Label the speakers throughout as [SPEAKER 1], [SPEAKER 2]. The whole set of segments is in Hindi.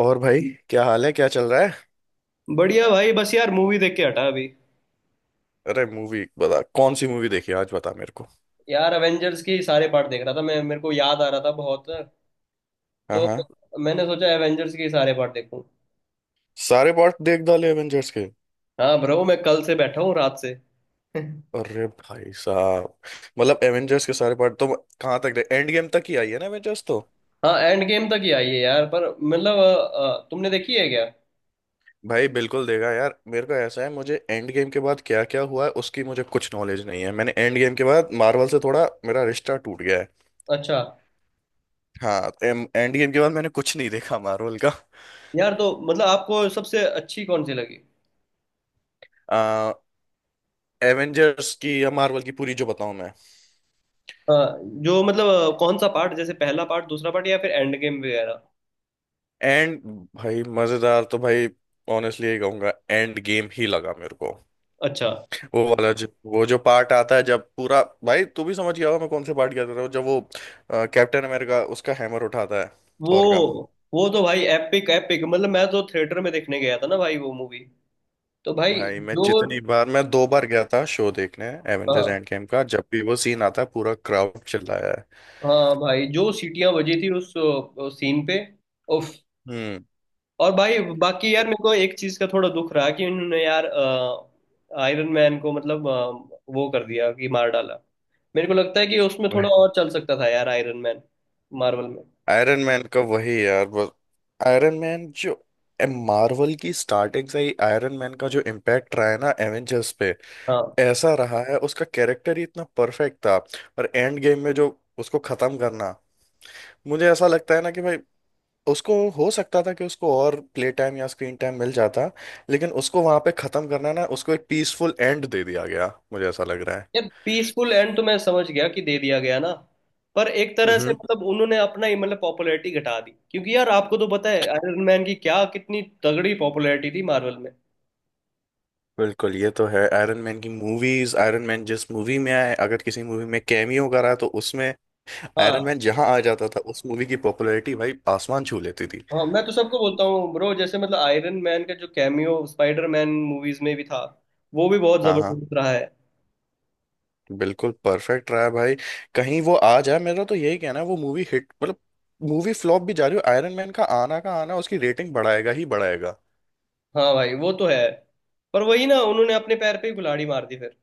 [SPEAKER 1] और भाई, क्या हाल है, क्या चल रहा है।
[SPEAKER 2] बढ़िया भाई। बस यार मूवी देख के हटा अभी।
[SPEAKER 1] अरे मूवी बता, कौन सी मूवी देखी आज, बता मेरे को।
[SPEAKER 2] यार एवेंजर्स की सारे पार्ट देख रहा था। मैं मेरे को याद आ रहा था बहुत
[SPEAKER 1] हाँ,
[SPEAKER 2] तो
[SPEAKER 1] हाँ।
[SPEAKER 2] मैंने सोचा एवेंजर्स की सारे पार्ट देखूं।
[SPEAKER 1] सारे पार्ट देख डाले एवेंजर्स के?
[SPEAKER 2] हाँ ब्रो, मैं कल से बैठा हूँ रात से।
[SPEAKER 1] अरे भाई साहब, मतलब एवेंजर्स के सारे पार्ट तो कहाँ तक, दे एंड गेम तक ही आई है ना एवेंजर्स तो।
[SPEAKER 2] हाँ एंड गेम तक ही आई है यार। पर मतलब तुमने देखी है क्या?
[SPEAKER 1] भाई बिल्कुल देगा यार, मेरे को ऐसा है, मुझे एंड गेम के बाद क्या क्या हुआ है उसकी मुझे कुछ नॉलेज नहीं है। मैंने एंड गेम के बाद मार्वल से थोड़ा मेरा रिश्ता टूट गया है।
[SPEAKER 2] अच्छा।
[SPEAKER 1] हाँ, एंड गेम के बाद मैंने कुछ नहीं देखा मार्वल का।
[SPEAKER 2] यार तो मतलब आपको सबसे अच्छी कौन सी लगी?
[SPEAKER 1] आ, एवेंजर्स की या मार्वल की पूरी, जो बताऊं मैं?
[SPEAKER 2] अ, जो मतलब कौन सा पार्ट, जैसे पहला पार्ट, दूसरा पार्ट या फिर एंड गेम वगैरह।
[SPEAKER 1] एंड भाई मजेदार तो भाई, ऑनेस्टली यही कहूंगा, एंड गेम ही लगा मेरे को।
[SPEAKER 2] अच्छा।
[SPEAKER 1] वो वाला जो वो जो पार्ट आता है, जब पूरा, भाई तू भी समझ गया होगा मैं कौन से पार्ट की बात कर रहा हूँ, जब वो कैप्टन अमेरिका उसका हैमर उठाता है,
[SPEAKER 2] वो
[SPEAKER 1] थॉर का।
[SPEAKER 2] वो तो भाई एपिक एपिक मतलब, मैं तो थिएटर में देखने गया था ना भाई वो मूवी। तो भाई
[SPEAKER 1] भाई
[SPEAKER 2] जो,
[SPEAKER 1] मैं दो बार गया था शो देखने। एवेंजर्स
[SPEAKER 2] हाँ
[SPEAKER 1] एंड गेम का, जब भी वो सीन आता है पूरा क्राउड चिल्लाया है।
[SPEAKER 2] हाँ भाई जो सीटियां बजी थी उस सीन पे, उफ।
[SPEAKER 1] हम्म
[SPEAKER 2] और भाई बाकी यार मेरे को एक चीज का थोड़ा दुख रहा कि उन्होंने यार आयरन मैन को मतलब वो कर दिया कि मार डाला। मेरे को लगता है कि उसमें थोड़ा और चल सकता था यार आयरन मैन मार्वल में।
[SPEAKER 1] आयरन मैन का वही यार बस। आयरन मैन जो, मार्वल की स्टार्टिंग से ही आयरन मैन का जो इम्पैक्ट रहा है ना एवेंजर्स पे,
[SPEAKER 2] हाँ
[SPEAKER 1] ऐसा रहा है, उसका कैरेक्टर ही इतना परफेक्ट था। और एंड गेम में जो उसको खत्म करना, मुझे ऐसा लगता है ना कि भाई उसको हो सकता था कि उसको और प्ले टाइम या स्क्रीन टाइम मिल जाता, लेकिन उसको वहां पे खत्म करना, ना उसको एक पीसफुल एंड दे दिया गया, मुझे ऐसा लग रहा है।
[SPEAKER 2] यार, पीसफुल एंड तो मैं समझ गया कि दे दिया गया ना, पर एक तरह से
[SPEAKER 1] हम्म
[SPEAKER 2] मतलब उन्होंने अपना ही मतलब पॉपुलैरिटी घटा दी, क्योंकि यार आपको तो पता है आयरन मैन की क्या कितनी तगड़ी पॉपुलैरिटी थी मार्वल में।
[SPEAKER 1] बिल्कुल, ये तो है। आयरन मैन की मूवीज, आयरन मैन जिस मूवी में आए, अगर किसी मूवी में कैमियो करा तो उसमें, आयरन
[SPEAKER 2] हाँ
[SPEAKER 1] मैन जहां आ जाता था उस मूवी की पॉपुलैरिटी भाई आसमान छू लेती थी।
[SPEAKER 2] हाँ, मैं तो सबको बोलता हूँ ब्रो, जैसे मतलब आयरन मैन का जो कैमियो स्पाइडर मैन मूवीज में भी था वो भी बहुत
[SPEAKER 1] हाँ, हाँ,
[SPEAKER 2] जबरदस्त रहा है।
[SPEAKER 1] बिल्कुल परफेक्ट रहा है भाई। कहीं वो आ जाए, मेरा तो यही कहना है, वो मूवी हिट, मतलब मूवी फ्लॉप भी जा रही हो, आयरन मैन का आना उसकी रेटिंग बढ़ाएगा ही बढ़ाएगा।
[SPEAKER 2] हाँ भाई वो तो है, पर वही ना, उन्होंने अपने पैर पे ही कुल्हाड़ी मार दी फिर।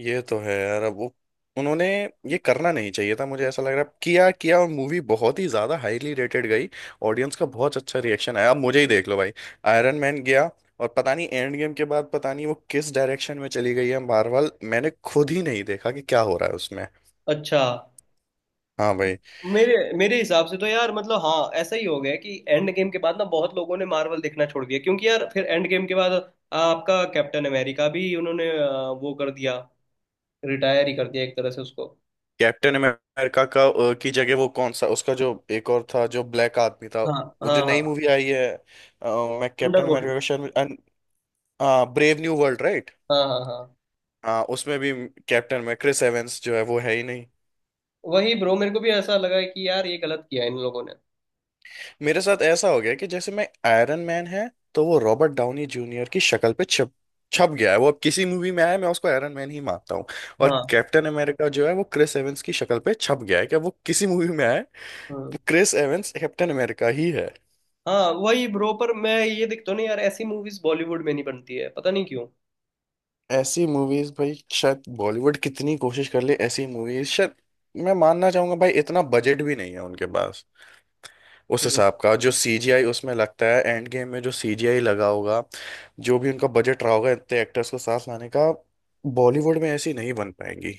[SPEAKER 1] ये तो है यार। अब वो, उन्होंने ये करना नहीं चाहिए था, मुझे ऐसा लग रहा है। किया किया, और मूवी बहुत ही ज्यादा हाईली रेटेड गई, ऑडियंस का बहुत अच्छा रिएक्शन आया। अब मुझे ही देख लो भाई, आयरन मैन गया, और पता नहीं एंड गेम के बाद पता नहीं वो किस डायरेक्शन में चली गई है मार्वल, मैंने खुद ही नहीं देखा कि क्या हो रहा है उसमें।
[SPEAKER 2] अच्छा।
[SPEAKER 1] हाँ भाई।
[SPEAKER 2] मेरे मेरे हिसाब से तो यार मतलब हाँ, ऐसा ही हो गया कि एंड गेम के बाद ना बहुत लोगों ने मार्वल देखना छोड़ दिया, क्योंकि यार फिर एंड गेम के बाद आपका कैप्टन अमेरिका भी उन्होंने वो कर दिया, रिटायर ही कर दिया एक तरह से उसको।
[SPEAKER 1] कैप्टन अमेरिका का की जगह, वो कौन सा उसका जो एक और था जो ब्लैक आदमी था,
[SPEAKER 2] हाँ
[SPEAKER 1] वो
[SPEAKER 2] हाँ
[SPEAKER 1] जो नई
[SPEAKER 2] हाँ,
[SPEAKER 1] मूवी आई है मैं, कैप्टन
[SPEAKER 2] थंडरबोल्ट।
[SPEAKER 1] अमेरिका का शायद, हाँ, ब्रेव न्यू वर्ल्ड, राइट।
[SPEAKER 2] हाँ हाँ हाँ।
[SPEAKER 1] हाँ उसमें भी कैप्टन में क्रिस एवेंस जो है वो है ही नहीं।
[SPEAKER 2] वही ब्रो, मेरे को भी ऐसा लगा कि यार ये गलत किया इन लोगों ने।
[SPEAKER 1] मेरे साथ ऐसा हो गया कि जैसे मैं, आयरन मैन है तो वो रॉबर्ट डाउनी जूनियर की शक्ल पे छप छप गया है। वो अब किसी मूवी में आया, मैं उसको आयरन मैन ही मानता हूँ। और
[SPEAKER 2] हाँ।
[SPEAKER 1] कैप्टन अमेरिका जो है वो क्रिस एवेंस की शक्ल पे छप गया है, क्या वो किसी मूवी में आए,
[SPEAKER 2] हम्म।
[SPEAKER 1] क्रिस एवेंस कैप्टन अमेरिका ही है।
[SPEAKER 2] हाँ वही ब्रो, पर मैं ये देखता हूँ ना यार, ऐसी मूवीज बॉलीवुड में नहीं बनती है, पता नहीं क्यों।
[SPEAKER 1] ऐसी मूवीज भाई, शायद बॉलीवुड कितनी कोशिश कर ले, ऐसी मूवीज शायद, मैं मानना चाहूंगा भाई, इतना बजट भी नहीं है उनके पास उस
[SPEAKER 2] हम्म।
[SPEAKER 1] हिसाब का। जो सीजीआई उसमें लगता है, एंड गेम में जो सीजीआई लगा होगा, जो भी उनका बजट रहा होगा इतने एक्टर्स को साथ लाने का, बॉलीवुड में ऐसी नहीं बन पाएंगी।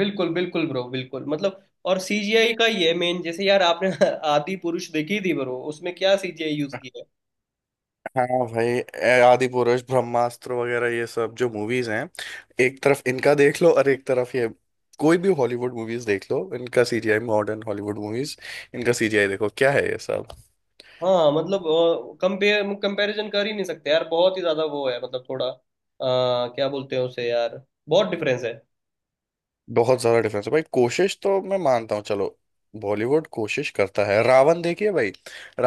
[SPEAKER 2] बिल्कुल बिल्कुल ब्रो बिल्कुल मतलब, और सीजीआई का ही है मेन। जैसे यार आपने आदि पुरुष देखी थी ब्रो, उसमें क्या सीजीआई यूज किया है।
[SPEAKER 1] हाँ भाई आदि पुरुष, ब्रह्मास्त्र वगैरह ये सब जो मूवीज हैं, एक तरफ इनका देख लो और एक तरफ ये, कोई भी हॉलीवुड मूवीज देख लो, इनका सीजीआई, मॉडर्न हॉलीवुड मूवीज, इनका सीजीआई देखो क्या है, ये सब
[SPEAKER 2] हाँ मतलब कंपेयर कंपैरिजन कर ही नहीं सकते यार, बहुत ही ज्यादा वो है मतलब थोड़ा क्या बोलते हैं उसे यार, बहुत डिफरेंस है।
[SPEAKER 1] बहुत ज्यादा डिफरेंस है भाई। कोशिश तो मैं मानता हूँ, चलो बॉलीवुड कोशिश करता है, रावण देखिए भाई,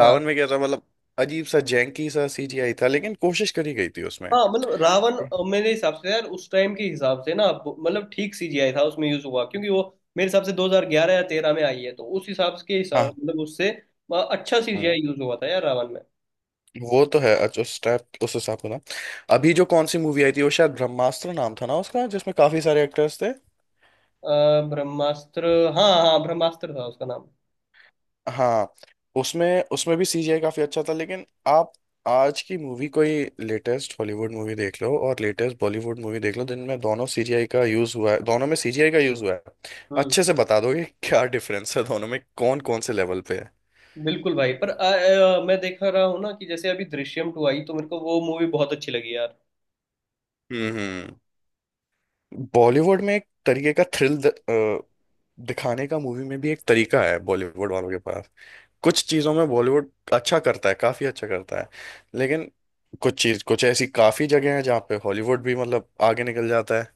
[SPEAKER 2] हाँ
[SPEAKER 1] में क्या था, मतलब अजीब सा जैंकी सा सीजीआई था, लेकिन कोशिश करी गई थी उसमें।
[SPEAKER 2] हाँ मतलब रावण मेरे हिसाब से यार उस टाइम के हिसाब से ना, मतलब ठीक सीजीआई था उसमें यूज हुआ, क्योंकि वो मेरे हिसाब से 2011 या 13 में आई है, तो उस हिसाब के हिसाब
[SPEAKER 1] हाँ।
[SPEAKER 2] मतलब उससे अच्छा
[SPEAKER 1] हम्म,
[SPEAKER 2] सीजीआई यूज हुआ था यार रावण में।
[SPEAKER 1] वो तो है, अच्छा उस उस हिसाब से ना। अभी जो कौन सी मूवी आई थी वो, शायद ब्रह्मास्त्र नाम था ना उसका, जिसमें काफी सारे एक्टर्स थे।
[SPEAKER 2] अ, ब्रह्मास्त्र। हाँ हाँ ब्रह्मास्त्र था उसका नाम।
[SPEAKER 1] हाँ, उसमें उसमें भी सीजीआई काफी अच्छा था। लेकिन आप आज की मूवी कोई लेटेस्ट हॉलीवुड मूवी देख लो और लेटेस्ट बॉलीवुड मूवी देख लो, जिनमें दोनों, सीजीआई का यूज हुआ है, दोनों में सीजीआई का यूज हुआ है,
[SPEAKER 2] हम्म।
[SPEAKER 1] अच्छे से बता दोगे क्या डिफरेंस है दोनों में, कौन कौन से लेवल पे है।
[SPEAKER 2] बिल्कुल भाई। पर मैं देख रहा हूँ ना कि जैसे अभी दृश्यम टू आई तो मेरे को वो मूवी बहुत अच्छी लगी यार।
[SPEAKER 1] हम्म बॉलीवुड में एक तरीके का थ्रिल दिखाने का मूवी में भी, एक तरीका है बॉलीवुड वालों के पास, कुछ चीज़ों में बॉलीवुड अच्छा करता है, काफ़ी अच्छा करता है, लेकिन कुछ चीज़, कुछ ऐसी काफ़ी जगह हैं जहाँ पे हॉलीवुड भी मतलब आगे निकल जाता है।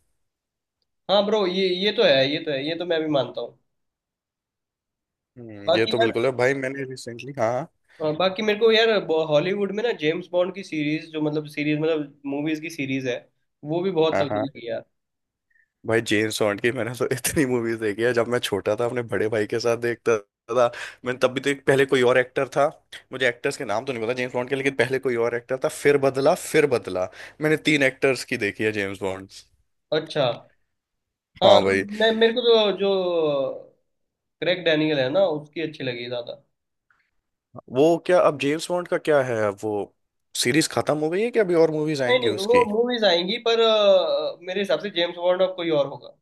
[SPEAKER 2] हाँ ब्रो, ये तो है, ये तो है, ये तो मैं भी मानता हूँ।
[SPEAKER 1] ये
[SPEAKER 2] बाकी
[SPEAKER 1] तो
[SPEAKER 2] यार,
[SPEAKER 1] बिल्कुल है भाई। मैंने रिसेंटली, हाँ,
[SPEAKER 2] और बाकी मेरे को यार हॉलीवुड में ना जेम्स बॉन्ड की सीरीज जो मतलब सीरीज मतलब मूवीज की सीरीज है वो भी बहुत
[SPEAKER 1] हाँ,
[SPEAKER 2] तगड़ी
[SPEAKER 1] हाँ।
[SPEAKER 2] लगी यार।
[SPEAKER 1] भाई जेम्स बॉन्ड की मैंने तो इतनी मूवीज देखी है, जब मैं छोटा था अपने बड़े भाई के साथ देखता था। मैंने तब भी तो, एक पहले कोई और एक्टर था, मुझे एक्टर्स के नाम तो नहीं पता जेम्स बॉन्ड के, लेकिन पहले कोई और एक्टर था, फिर बदला, फिर बदला। मैंने तीन एक्टर्स की देखी है जेम्स बॉन्ड।
[SPEAKER 2] अच्छा। हाँ
[SPEAKER 1] हाँ
[SPEAKER 2] तो
[SPEAKER 1] भाई।
[SPEAKER 2] मैं, मेरे को तो जो क्रेग डैनियल है ना उसकी अच्छी लगी ज्यादा।
[SPEAKER 1] वो क्या अब जेम्स बॉन्ड का क्या है, अब वो सीरीज खत्म हो गई है कि अभी और मूवीज
[SPEAKER 2] नहीं
[SPEAKER 1] आएंगी
[SPEAKER 2] नहीं,
[SPEAKER 1] उसकी?
[SPEAKER 2] वो मूवीज आएंगी, पर मेरे हिसाब से जेम्स बॉन्ड अब कोई और होगा।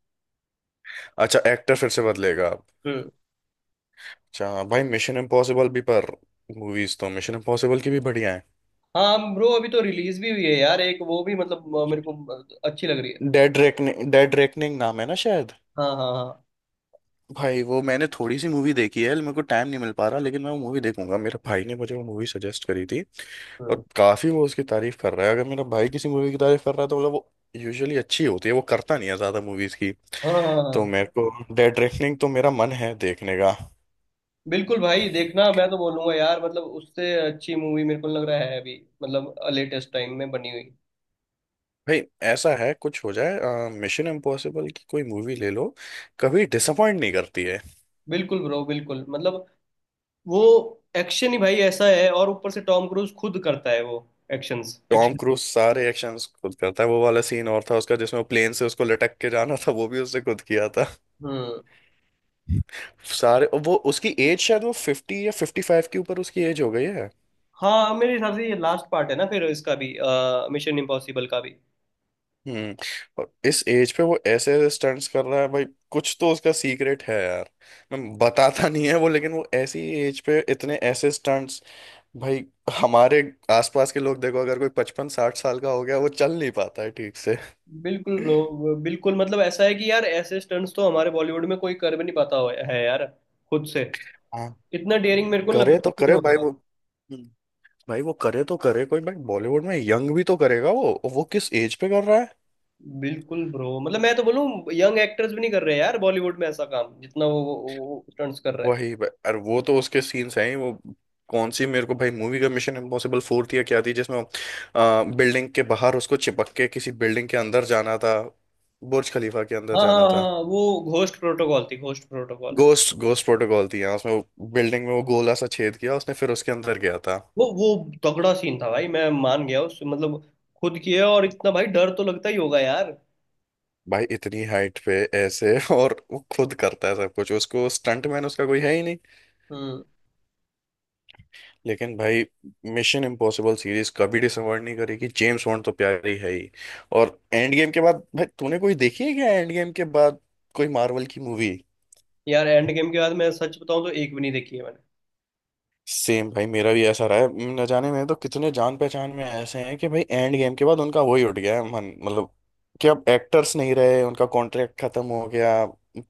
[SPEAKER 1] अच्छा, एक्टर फिर से बदलेगा अब।
[SPEAKER 2] हम्म।
[SPEAKER 1] अच्छा भाई, मिशन इम्पॉसिबल भी, पर मूवीज तो मिशन इम्पॉसिबल की भी बढ़िया है।
[SPEAKER 2] हाँ ब्रो, अभी तो रिलीज भी हुई है यार एक, वो भी मतलब मेरे को अच्छी लग रही है।
[SPEAKER 1] डेड रेकनिंग, डेड रेकनिंग नाम है ना शायद।
[SPEAKER 2] हाँ हाँ हाँ।
[SPEAKER 1] भाई वो मैंने थोड़ी सी मूवी देखी है, मेरे को टाइम नहीं मिल पा रहा, लेकिन मैं वो मूवी देखूंगा। मेरे भाई ने मुझे वो मूवी सजेस्ट करी थी,
[SPEAKER 2] हम्म।
[SPEAKER 1] और काफी वो उसकी तारीफ कर रहा है। अगर मेरा भाई किसी मूवी की तारीफ कर रहा है तो मतलब वो यूजुअली अच्छी होती है, वो करता नहीं है ज्यादा मूवीज की।
[SPEAKER 2] हाँ हाँ
[SPEAKER 1] तो
[SPEAKER 2] हाँ।
[SPEAKER 1] मेरे को डेड रेकनिंग तो मेरा मन है देखने का।
[SPEAKER 2] बिल्कुल भाई देखना, मैं तो बोलूंगा यार मतलब उससे अच्छी मूवी मेरे को लग रहा है अभी मतलब लेटेस्ट टाइम में बनी हुई।
[SPEAKER 1] भाई ऐसा है, कुछ हो जाए, मिशन इम्पॉसिबल की कोई मूवी ले लो, कभी डिसअपॉइंट नहीं करती है।
[SPEAKER 2] बिल्कुल ब्रो बिल्कुल मतलब, वो एक्शन ही भाई ऐसा है, और ऊपर से टॉम क्रूज खुद करता है वो एक्शंस
[SPEAKER 1] टॉम
[SPEAKER 2] एक्शन।
[SPEAKER 1] क्रूज सारे एक्शंस खुद करता है, वो वाला सीन और था उसका जिसमें प्लेन से उसको लटक के जाना था, वो भी उसने खुद किया था।
[SPEAKER 2] हम्म।
[SPEAKER 1] सारे, वो उसकी एज, शायद वो 50 या 55 के ऊपर उसकी एज हो गई है।
[SPEAKER 2] हाँ मेरे हिसाब से ये लास्ट पार्ट है ना फिर इसका भी, मिशन इम्पॉसिबल का भी।
[SPEAKER 1] हम्म। और इस एज पे वो ऐसे ऐसे स्टंट्स कर रहा है भाई, कुछ तो उसका सीक्रेट है यार, मैं बताता नहीं है वो, लेकिन वो ऐसी एज पे इतने ऐसे स्टंट्स, भाई हमारे आसपास के लोग देखो, अगर कोई 55 60 साल का हो गया वो चल नहीं पाता है ठीक से।
[SPEAKER 2] बिल्कुल ब्रो बिल्कुल मतलब ऐसा है कि यार ऐसे स्टंट्स तो हमारे बॉलीवुड में कोई कर भी नहीं पाता है यार, खुद से।
[SPEAKER 1] हाँ,
[SPEAKER 2] इतना डेयरिंग मेरे को लग
[SPEAKER 1] करे तो करे भाई
[SPEAKER 2] रहा है।
[SPEAKER 1] वो। हम्म। भाई वो करे तो करे, कोई भाई बॉलीवुड में यंग भी तो करेगा, वो किस एज पे कर रहा है।
[SPEAKER 2] बिल्कुल ब्रो मतलब मैं तो बोलूं, यंग एक्टर्स भी नहीं कर रहे यार बॉलीवुड में ऐसा काम जितना वो स्टंट्स कर रहा है।
[SPEAKER 1] वही भाई, अरे वो तो उसके सीन्स हैं ही। वो कौन सी मेरे को भाई मूवी का, मिशन इम्पॉसिबल 4 थी या क्या थी जिसमें बिल्डिंग के बाहर उसको चिपक के किसी बिल्डिंग के अंदर जाना था, बुर्ज खलीफा के अंदर
[SPEAKER 2] हाँ
[SPEAKER 1] जाना
[SPEAKER 2] हाँ
[SPEAKER 1] था?
[SPEAKER 2] हाँ वो घोस्ट प्रोटोकॉल थी, Ghost Protocol.
[SPEAKER 1] Ghost Ghost Protocol थी, यहाँ उसमें बिल्डिंग में वो गोला सा छेद किया उसने फिर उसके अंदर गया था।
[SPEAKER 2] वो तगड़ा सीन था भाई, मैं मान गया उस मतलब, खुद किया, और इतना भाई डर तो लगता ही होगा यार।
[SPEAKER 1] भाई इतनी हाइट पे ऐसे और वो खुद करता है सब कुछ, उसको स्टंट मैन उसका कोई है ही नहीं।
[SPEAKER 2] हम्म।
[SPEAKER 1] लेकिन भाई, मिशन इम्पॉसिबल सीरीज कभी डिसअपॉइंट नहीं करेगी, जेम्स बॉन्ड तो प्यारी है ही। और एंड गेम के बाद भाई तूने कोई देखी है क्या, एंड गेम के बाद कोई मार्वल की मूवी?
[SPEAKER 2] यार एंड गेम के बाद मैं सच बताऊं तो एक भी नहीं देखी है मैंने।
[SPEAKER 1] सेम भाई, मेरा भी ऐसा रहा है। न जाने में तो कितने, जान पहचान में ऐसे हैं कि भाई एंड गेम के बाद उनका वही उठ गया है मन, मतलब कि अब एक्टर्स नहीं रहे, उनका कॉन्ट्रैक्ट खत्म हो गया,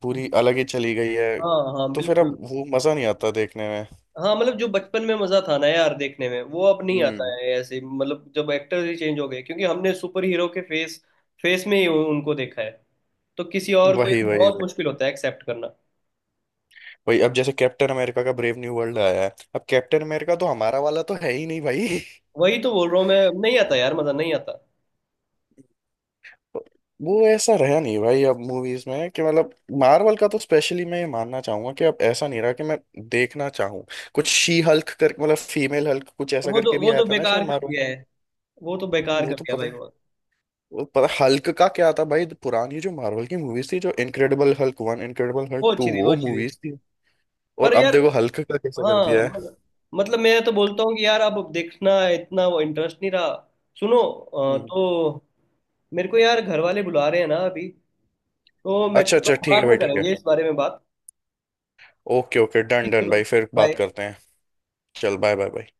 [SPEAKER 1] पूरी अलग ही चली गई है।
[SPEAKER 2] हाँ हाँ
[SPEAKER 1] तो फिर अब
[SPEAKER 2] बिल्कुल।
[SPEAKER 1] वो मजा नहीं आता देखने में।
[SPEAKER 2] हाँ मतलब जो बचपन में मजा था ना यार देखने में वो अब नहीं आता
[SPEAKER 1] हम्म।
[SPEAKER 2] है, ऐसे मतलब जब एक्टर ही चेंज हो गए, क्योंकि हमने सुपर हीरो के फेस फेस में ही उनको देखा है, तो किसी और को ये
[SPEAKER 1] वही, वही,
[SPEAKER 2] बहुत
[SPEAKER 1] वही।
[SPEAKER 2] मुश्किल होता है एक्सेप्ट करना।
[SPEAKER 1] वही अब, जैसे कैप्टन अमेरिका का ब्रेव न्यू वर्ल्ड आया है, अब कैप्टन अमेरिका तो हमारा वाला तो है ही नहीं भाई।
[SPEAKER 2] वही तो बोल रहा हूँ मैं, नहीं आता यार, मजा नहीं आता।
[SPEAKER 1] वो ऐसा रहा नहीं भाई अब मूवीज में कि मतलब, मार्वल का तो स्पेशली मैं ये मानना चाहूंगा कि अब ऐसा नहीं रहा कि मैं देखना चाहूँ। कुछ शी हल्क कर, मतलब फीमेल हल्क कुछ ऐसा
[SPEAKER 2] वो
[SPEAKER 1] करके
[SPEAKER 2] तो
[SPEAKER 1] भी
[SPEAKER 2] वो
[SPEAKER 1] आया
[SPEAKER 2] तो
[SPEAKER 1] था ना
[SPEAKER 2] बेकार
[SPEAKER 1] शायद
[SPEAKER 2] कर
[SPEAKER 1] मारो।
[SPEAKER 2] दिया है, वो तो बेकार
[SPEAKER 1] वो
[SPEAKER 2] कर
[SPEAKER 1] तो
[SPEAKER 2] दिया
[SPEAKER 1] पता
[SPEAKER 2] भाई
[SPEAKER 1] है,
[SPEAKER 2] वो।
[SPEAKER 1] वो पता, हल्क का क्या था भाई, पुरानी जो मार्वल की मूवीज थी, जो इनक्रेडिबल हल्क 1, इनक्रेडिबल हल्क
[SPEAKER 2] वो
[SPEAKER 1] 2,
[SPEAKER 2] अच्छी थी, वो
[SPEAKER 1] वो
[SPEAKER 2] अच्छी थी,
[SPEAKER 1] मूवीज थी। और
[SPEAKER 2] पर
[SPEAKER 1] अब
[SPEAKER 2] यार
[SPEAKER 1] देखो हल्क का कैसा कर
[SPEAKER 2] हाँ
[SPEAKER 1] दिया है।
[SPEAKER 2] मतलब मैं तो बोलता हूँ कि यार अब देखना इतना वो इंटरेस्ट नहीं रहा। सुनो
[SPEAKER 1] हम्म।
[SPEAKER 2] तो मेरे को यार घर वाले बुला रहे हैं ना अभी, तो मैं
[SPEAKER 1] अच्छा
[SPEAKER 2] चल रहा
[SPEAKER 1] अच्छा,
[SPEAKER 2] हूँ,
[SPEAKER 1] ठीक है
[SPEAKER 2] बाद
[SPEAKER 1] भाई,
[SPEAKER 2] में
[SPEAKER 1] ठीक है,
[SPEAKER 2] करेंगे इस बारे में बात।
[SPEAKER 1] ओके, ओके, डन,
[SPEAKER 2] ठीक,
[SPEAKER 1] डन
[SPEAKER 2] चलो,
[SPEAKER 1] भाई, फिर बात
[SPEAKER 2] बाय।
[SPEAKER 1] करते हैं। चल, बाय, बाय, बाय।